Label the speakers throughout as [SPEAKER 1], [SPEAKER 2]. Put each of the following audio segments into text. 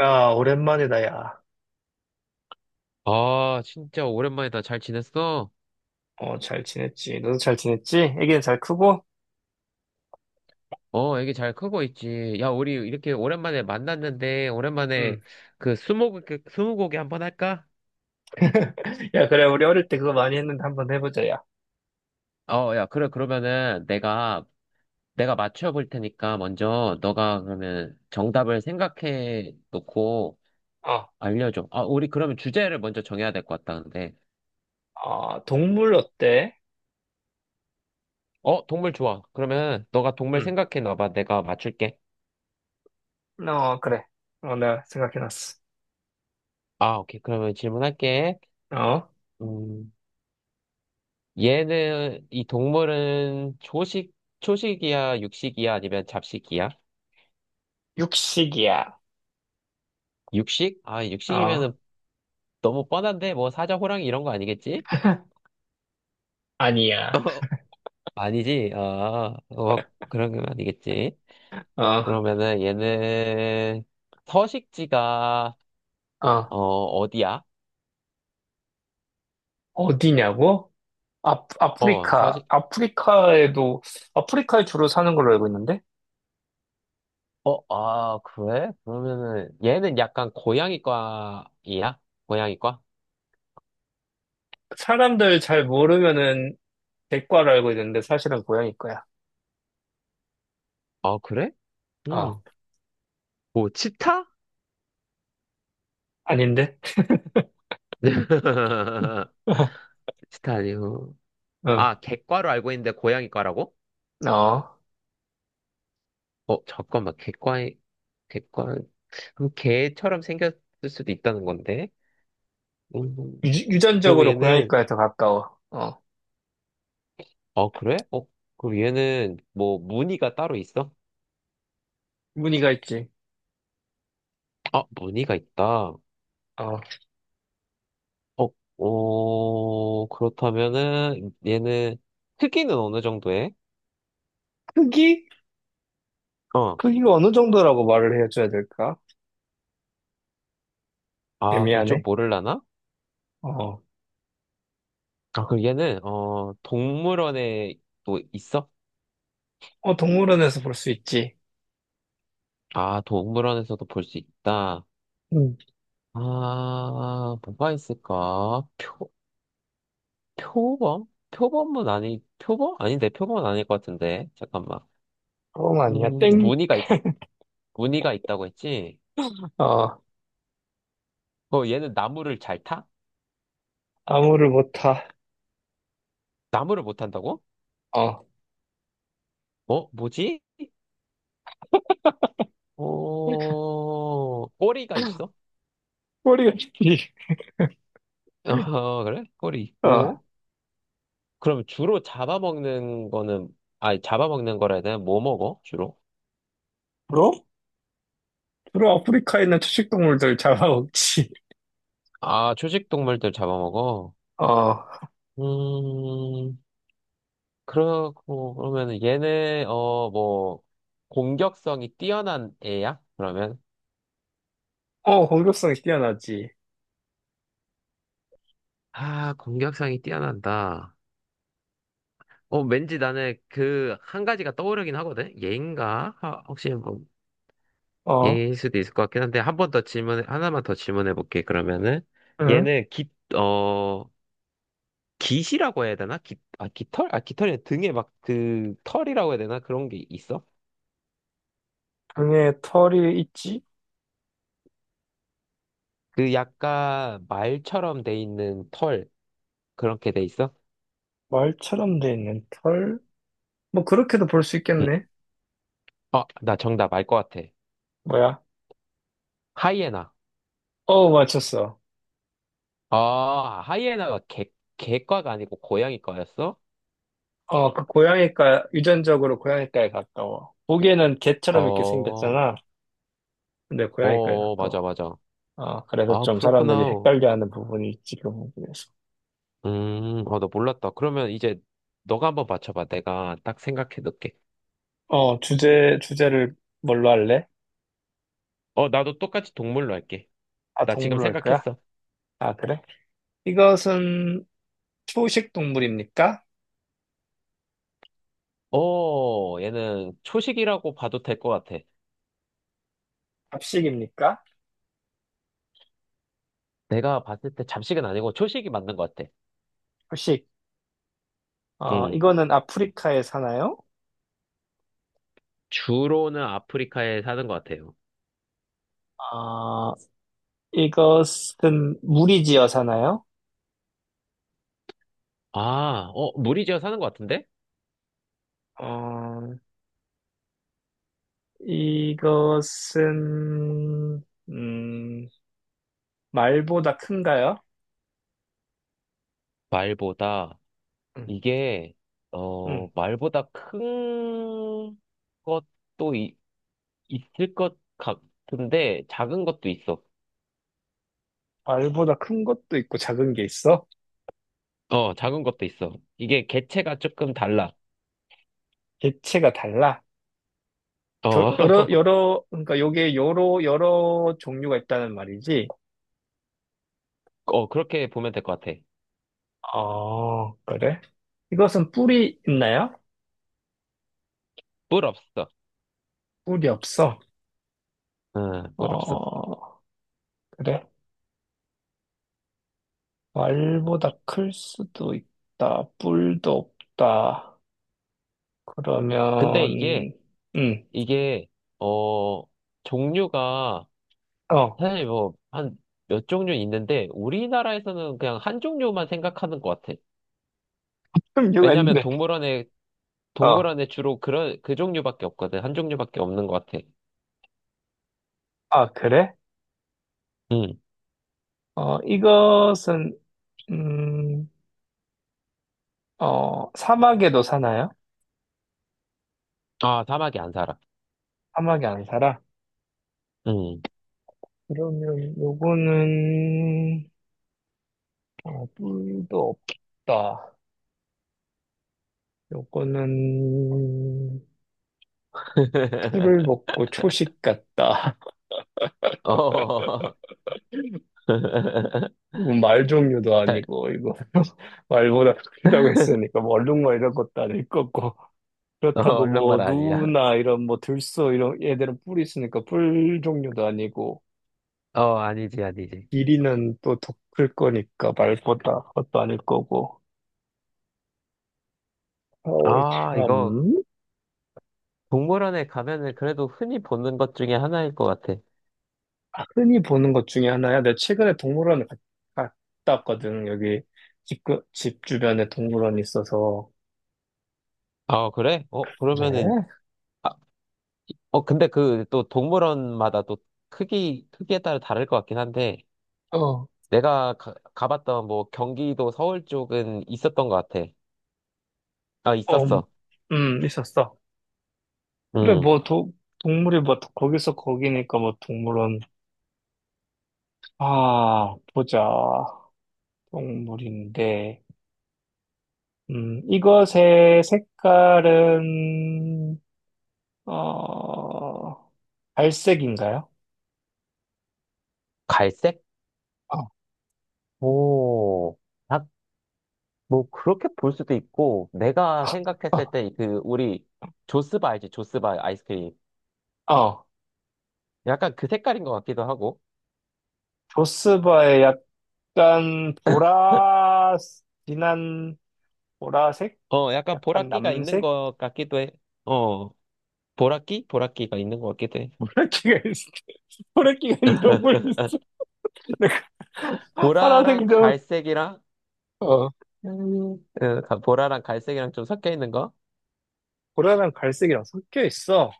[SPEAKER 1] 야, 오랜만이다, 야.
[SPEAKER 2] 아, 진짜 오랜만이다. 잘 지냈어?
[SPEAKER 1] 어, 잘 지냈지. 너도 잘 지냈지? 애기는 잘 크고?
[SPEAKER 2] 어, 애기 잘 크고 있지. 야, 우리 이렇게 오랜만에 만났는데, 오랜만에
[SPEAKER 1] 응.
[SPEAKER 2] 그 스무고개 한번 할까?
[SPEAKER 1] 야, 그래, 우리 어릴 때 그거 많이 했는데 한번 해보자, 야.
[SPEAKER 2] 어, 야, 그래. 그러면은 내가 맞춰볼 테니까 먼저 너가 그러면 정답을 생각해 놓고
[SPEAKER 1] 어,
[SPEAKER 2] 알려줘. 아, 우리 그러면 주제를 먼저 정해야 될 것 같다는데.
[SPEAKER 1] 동물 어때?
[SPEAKER 2] 어, 동물 좋아. 그러면 너가 동물
[SPEAKER 1] 응.
[SPEAKER 2] 생각해 놔봐. 내가 맞출게.
[SPEAKER 1] 어, 그래. 어, 내가 생각해놨어.
[SPEAKER 2] 아, 오케이. 그러면 질문할게.
[SPEAKER 1] 어,
[SPEAKER 2] 음. 얘는, 이 동물은 초식이야, 육식이야, 아니면 잡식이야?
[SPEAKER 1] 육식이야.
[SPEAKER 2] 육식? 아,
[SPEAKER 1] 어,
[SPEAKER 2] 육식이면은 너무 뻔한데, 뭐 사자, 호랑이 이런 거 아니겠지?
[SPEAKER 1] 아니야.
[SPEAKER 2] 아니지, 아, 어, 그런 건 아니겠지.
[SPEAKER 1] 어,
[SPEAKER 2] 그러면은 얘는 서식지가,
[SPEAKER 1] 어,
[SPEAKER 2] 어, 어디야?
[SPEAKER 1] 어디냐고? 아,
[SPEAKER 2] 어,
[SPEAKER 1] 아프리카.
[SPEAKER 2] 서식,
[SPEAKER 1] 아프리카에 주로 사는 걸로 알고 있는데?
[SPEAKER 2] 어, 아, 그래? 그러면은 얘는 약간 고양이과이야? 고양이과?
[SPEAKER 1] 사람들 잘 모르면은 백과로 알고 있는데 사실은 고양이 거야.
[SPEAKER 2] 어, 그래?
[SPEAKER 1] 어,
[SPEAKER 2] 음. 뭐, 치타?
[SPEAKER 1] 아닌데? 어,
[SPEAKER 2] 치타 아니고.
[SPEAKER 1] 어.
[SPEAKER 2] 아, 객과로 알고 있는데 고양이과라고?
[SPEAKER 1] 어.
[SPEAKER 2] 어, 잠깐만, 객과에, 객과, 그럼 개처럼 생겼을 수도 있다는 건데? 음,
[SPEAKER 1] 유,
[SPEAKER 2] 그럼
[SPEAKER 1] 전적으로
[SPEAKER 2] 얘는,
[SPEAKER 1] 고양이과에 더 가까워. 어,
[SPEAKER 2] 어, 그래? 어, 그럼 얘는 뭐 무늬가 따로 있어?
[SPEAKER 1] 무늬가 있지.
[SPEAKER 2] 아, 무늬가 있다.
[SPEAKER 1] 어,
[SPEAKER 2] 어, 어, 그렇다면은 얘는 크기는 어느 정도 해?
[SPEAKER 1] 크기?
[SPEAKER 2] 어,
[SPEAKER 1] 크기가 어느 정도라고 말을 해줘야 될까?
[SPEAKER 2] 아, 그거 좀
[SPEAKER 1] 애매하네.
[SPEAKER 2] 모를라나?
[SPEAKER 1] 어,
[SPEAKER 2] 아, 그럼 얘는, 어, 동물원에 또 있어?
[SPEAKER 1] 어, 동물원에서 볼 수 있지.
[SPEAKER 2] 아, 동물원에서도 볼 수 있다.
[SPEAKER 1] 음,
[SPEAKER 2] 아, 뭐가 있을까? 표, 표범? 표범은 아니, 표범? 아닌데, 표범은 아닐 것 같은데. 잠깐만.
[SPEAKER 1] 어, 아니야. 땡.
[SPEAKER 2] 무늬가, 있, 무늬가 있다고 했지?
[SPEAKER 1] 어,
[SPEAKER 2] 어, 얘는 나무를 잘 타?
[SPEAKER 1] 아무를 못 타.
[SPEAKER 2] 나무를 못 탄다고?
[SPEAKER 1] 어,
[SPEAKER 2] 어, 뭐지? 어, 꼬리가 있어?
[SPEAKER 1] 꼬리가 길지.
[SPEAKER 2] 어, 그래? 꼬리
[SPEAKER 1] 어,
[SPEAKER 2] 있고. 그럼 주로 잡아먹는 거는, 아니, 잡아먹는 거라 해야 되나? 뭐 먹어, 주로?
[SPEAKER 1] 브로? 브로 아프리카에 있는 초식동물들 잡아먹지.
[SPEAKER 2] 아, 초식 동물들 잡아먹어?
[SPEAKER 1] 어,
[SPEAKER 2] 음, 그러고, 그러면은 얘네, 어, 뭐, 공격성이 뛰어난 애야? 그러면?
[SPEAKER 1] 공격성이 뛰어나지.
[SPEAKER 2] 아, 공격성이 뛰어난다. 어, 왠지 나는 그, 한 가지가 떠오르긴 하거든? 얘인가? 아, 혹시 뭐,
[SPEAKER 1] 어,
[SPEAKER 2] 얘일 수도 있을 것 같긴 한데, 한 번 더 질문, 하나만 더 질문해 볼게, 그러면은.
[SPEAKER 1] 응?
[SPEAKER 2] 얘는 깃, 어, 깃이라고 해야 되나? 깃, 아, 깃털? 아, 깃털이 아니라 등에 막 그, 털이라고 해야 되나? 그런 게 있어?
[SPEAKER 1] 등에 털이 있지?
[SPEAKER 2] 그 약간 말처럼 돼 있는 털, 그렇게 돼 있어?
[SPEAKER 1] 말처럼 돼 있는 털? 뭐 그렇게도 볼 수
[SPEAKER 2] 응.
[SPEAKER 1] 있겠네.
[SPEAKER 2] 어, 나 정답 알 것 같아.
[SPEAKER 1] 뭐야?
[SPEAKER 2] 하이에나.
[SPEAKER 1] 어, 맞췄어.
[SPEAKER 2] 아, 하이에나가 개, 개과가 아니고 고양이과였어?
[SPEAKER 1] 어, 그 고양이과, 유전적으로 고양이과에 가까워. 보기에는
[SPEAKER 2] 어,
[SPEAKER 1] 개처럼 이렇게
[SPEAKER 2] 어,
[SPEAKER 1] 생겼잖아. 근데 고양이과에
[SPEAKER 2] 어, 맞아,
[SPEAKER 1] 가까워.
[SPEAKER 2] 맞아.
[SPEAKER 1] 어, 그래서
[SPEAKER 2] 아,
[SPEAKER 1] 좀 사람들이
[SPEAKER 2] 그렇구나.
[SPEAKER 1] 헷갈려하는 부분이 있지, 그 부분에서.
[SPEAKER 2] 어, 나 몰랐다. 그러면 이제 너가 한번 맞춰봐. 내가 딱 생각해 놓을게.
[SPEAKER 1] 어, 주제를 뭘로 할래?
[SPEAKER 2] 어, 나도 똑같이 동물로 할게.
[SPEAKER 1] 아,
[SPEAKER 2] 나 지금
[SPEAKER 1] 동물로 할 거야?
[SPEAKER 2] 생각했어.
[SPEAKER 1] 아, 그래? 이것은 초식 동물입니까?
[SPEAKER 2] 어, 얘는 초식이라고 봐도 될 것 같아.
[SPEAKER 1] 잡식입니까?
[SPEAKER 2] 내가 봤을 때 잡식은 아니고 초식이 맞는 것 같아.
[SPEAKER 1] 초식. 어,
[SPEAKER 2] 음,
[SPEAKER 1] 이거는 아프리카에 사나요?
[SPEAKER 2] 주로는 아프리카에 사는 것 같아요.
[SPEAKER 1] 어, 이것은 무리지어 사나요?
[SPEAKER 2] 아, 어, 무리지어 사는 것 같은데?
[SPEAKER 1] 어, 이것은, 말보다 큰가요?
[SPEAKER 2] 말보다
[SPEAKER 1] 응,
[SPEAKER 2] 이게 어
[SPEAKER 1] 응.
[SPEAKER 2] 말보다 큰 것도 있을 것 같은데 작은 것도 있어.
[SPEAKER 1] 말보다 큰 것도 있고 작은 게 있어?
[SPEAKER 2] 어, 작은 것도 있어. 이게 개체가 조금 달라.
[SPEAKER 1] 개체가 달라? 저,
[SPEAKER 2] 어,
[SPEAKER 1] 그러니까 요게 여러 종류가 있다는 말이지?
[SPEAKER 2] 어 그렇게 보면 될 것 같아.
[SPEAKER 1] 어, 그래? 이것은 뿔이 있나요?
[SPEAKER 2] 뿔 없어.
[SPEAKER 1] 뿔이 없어.
[SPEAKER 2] 응, 뿔 없어.
[SPEAKER 1] 어, 그래? 말보다 클 수도 있다. 뿔도 없다.
[SPEAKER 2] 근데 이게
[SPEAKER 1] 그러면, 응,
[SPEAKER 2] 이게 어 종류가
[SPEAKER 1] 어,
[SPEAKER 2] 사실 뭐 한 몇 종류 있는데 우리나라에서는 그냥 한 종류만 생각하는 것 같아.
[SPEAKER 1] 그럼 이유가
[SPEAKER 2] 왜냐하면
[SPEAKER 1] 있는데,
[SPEAKER 2] 동물원에
[SPEAKER 1] 어.
[SPEAKER 2] 동물원에 주로 그런, 그 종류밖에 없거든. 한 종류밖에 없는 것 같아.
[SPEAKER 1] 아, 그래?
[SPEAKER 2] 응.
[SPEAKER 1] 어, 이것은, 음, 어, 사막에도 사나요?
[SPEAKER 2] 아, 사막에 안 살아.
[SPEAKER 1] 사막에 안 살아?
[SPEAKER 2] 응.
[SPEAKER 1] 그러면 요거는, 어, 뿔도 없다. 요거는, 풀을 먹고 초식 같다.
[SPEAKER 2] 어.
[SPEAKER 1] 말 종류도
[SPEAKER 2] 잘-
[SPEAKER 1] 아니고, 이거, 말보다 크다고 했으니까, 뭐 얼룩말 것도 아닐 거고.
[SPEAKER 2] 어,
[SPEAKER 1] 그렇다고
[SPEAKER 2] 얼룩말
[SPEAKER 1] 뭐,
[SPEAKER 2] 아니야.
[SPEAKER 1] 누나, 이런, 뭐, 들소, 이런, 얘들은 뿔이 있으니까 뿔 종류도 아니고,
[SPEAKER 2] 어, 아니지.
[SPEAKER 1] 길이는 또 더 클 거니까 말보다 그것도 아닐 거고. 어우,
[SPEAKER 2] 아, 이거
[SPEAKER 1] 참.
[SPEAKER 2] 동물원에 가면은 그래도 흔히 보는 것 중에 하나일 것 같아.
[SPEAKER 1] 흔히 보는 것 중에 하나야. 내가 최근에 갔다 왔거든. 여기 집 주변에 동물원이 있어서.
[SPEAKER 2] 아, 그래? 어, 그러면은,
[SPEAKER 1] 그래?
[SPEAKER 2] 아, 어, 근데 그 또 동물원마다 또 크기, 크기에 따라 다를 것 같긴 한데,
[SPEAKER 1] 어,
[SPEAKER 2] 내가 가봤던 뭐 경기도 서울 쪽은 있었던 것 같아. 아,
[SPEAKER 1] 어,
[SPEAKER 2] 있었어.
[SPEAKER 1] 있었어. 그래,
[SPEAKER 2] 음,
[SPEAKER 1] 뭐, 동물이 뭐, 거기서 거기니까 뭐, 동물원. 아, 보자. 동물인데. 이것의 색깔은, 어, 갈색인가요?
[SPEAKER 2] 갈색?
[SPEAKER 1] 어,
[SPEAKER 2] 오, 딱, 뭐, 그렇게 볼 수도 있고, 내가 생각했을 때, 그, 우리, 조스바 알지? 조스바 아이스크림.
[SPEAKER 1] 어. 어.
[SPEAKER 2] 약간 그 색깔인 것 같기도 하고,
[SPEAKER 1] 조스바의 약간 보라, 진한 보라색?
[SPEAKER 2] 어, 약간
[SPEAKER 1] 약간
[SPEAKER 2] 보라끼가 있는
[SPEAKER 1] 남색?
[SPEAKER 2] 것 같기도 해. 어, 보라끼? 보라끼가 있는 것 같기도 해.
[SPEAKER 1] 보라끼가 있, 보라끼가 있는 동물 있어.
[SPEAKER 2] 보라랑
[SPEAKER 1] 파란색이 좀,
[SPEAKER 2] 갈색이랑,
[SPEAKER 1] 어,
[SPEAKER 2] 음, 어, 보라랑 갈색이랑 좀 섞여 있는 거?
[SPEAKER 1] 보라랑 갈색이랑 섞여 있어.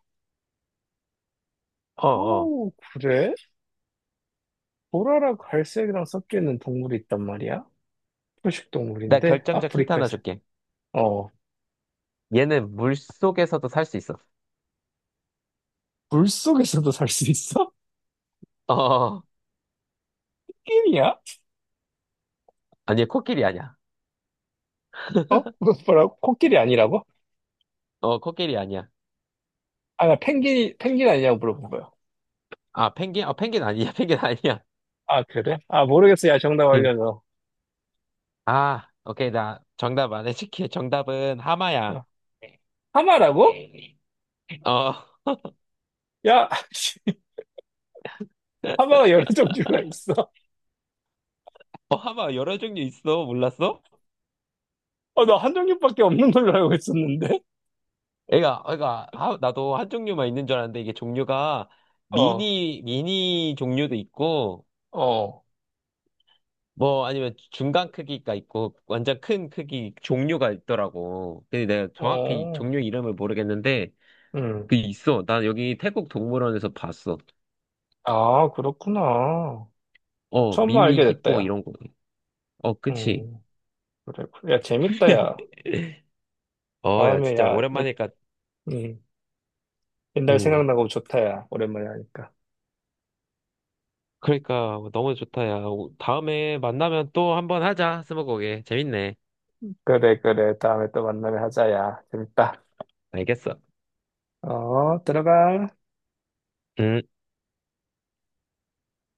[SPEAKER 2] 어, 어.
[SPEAKER 1] 오, 그래? 보라랑 갈색이랑 섞여 있는 동물이 있단 말이야? 초식
[SPEAKER 2] 나
[SPEAKER 1] 동물인데,
[SPEAKER 2] 결정적 힌트 하나
[SPEAKER 1] 아프리카에서.
[SPEAKER 2] 줄게.
[SPEAKER 1] 어,
[SPEAKER 2] 얘는 물 속에서도 살 수 있어.
[SPEAKER 1] 물속에서도 살 수 있어?
[SPEAKER 2] 어, 어.
[SPEAKER 1] 코끼리야?
[SPEAKER 2] 아니, 코끼리 아니야.
[SPEAKER 1] 어? 뭐라고? 코끼리 아니라고?
[SPEAKER 2] 어, 코끼리 아니야.
[SPEAKER 1] 아, 나 펭귄 아니냐고 물어본 거야.
[SPEAKER 2] 아, 펭귄? 어, 펭귄 아니야, 펭귄 아니야.
[SPEAKER 1] 아, 그래? 아, 모르겠어. 야, 정답
[SPEAKER 2] 응.
[SPEAKER 1] 알려줘.
[SPEAKER 2] 아, 오케이, 나 정답 안 해줄게. 정답은 하마야.
[SPEAKER 1] 어. 하마라고?
[SPEAKER 2] 어,
[SPEAKER 1] 야, 씨, 하마가 여러 종류가 있어.
[SPEAKER 2] 어, 하마 여러 종류 있어. 몰랐어?
[SPEAKER 1] 어, 나 한 종류밖에 없는 걸로 알고 있었는데?
[SPEAKER 2] 나도 한 종류만 있는 줄 알았는데 이게 종류가
[SPEAKER 1] 어,
[SPEAKER 2] 미니 종류도 있고,
[SPEAKER 1] 어,
[SPEAKER 2] 뭐 아니면 중간 크기가 있고, 완전 큰 크기 종류가 있더라고. 근데 내가 정확히
[SPEAKER 1] 어,
[SPEAKER 2] 종류 이름을 모르겠는데, 그
[SPEAKER 1] 음.
[SPEAKER 2] 있어. 난 여기 태국 동물원에서 봤어.
[SPEAKER 1] 아, 그렇구나.
[SPEAKER 2] 어,
[SPEAKER 1] 처음
[SPEAKER 2] 미니
[SPEAKER 1] 알게 됐다,
[SPEAKER 2] 힙보
[SPEAKER 1] 야.
[SPEAKER 2] 이런 거. 어, 그치.
[SPEAKER 1] 음, 그래. 그래. 야, 재밌다, 야.
[SPEAKER 2] 어, 야,
[SPEAKER 1] 다음에,
[SPEAKER 2] 진짜
[SPEAKER 1] 야, 너,
[SPEAKER 2] 오랜만이니까,
[SPEAKER 1] 음, 옛날
[SPEAKER 2] 음,
[SPEAKER 1] 생각나고 좋다, 야. 오랜만에 하니까.
[SPEAKER 2] 그러니까 너무 좋다, 야. 다음에 만나면 또 한번 하자, 스무고개. 재밌네.
[SPEAKER 1] 그래, 그래. 다음에 또 만나면 하자, 야. 재밌다.
[SPEAKER 2] 알겠어.
[SPEAKER 1] 어, 들어가.
[SPEAKER 2] 음.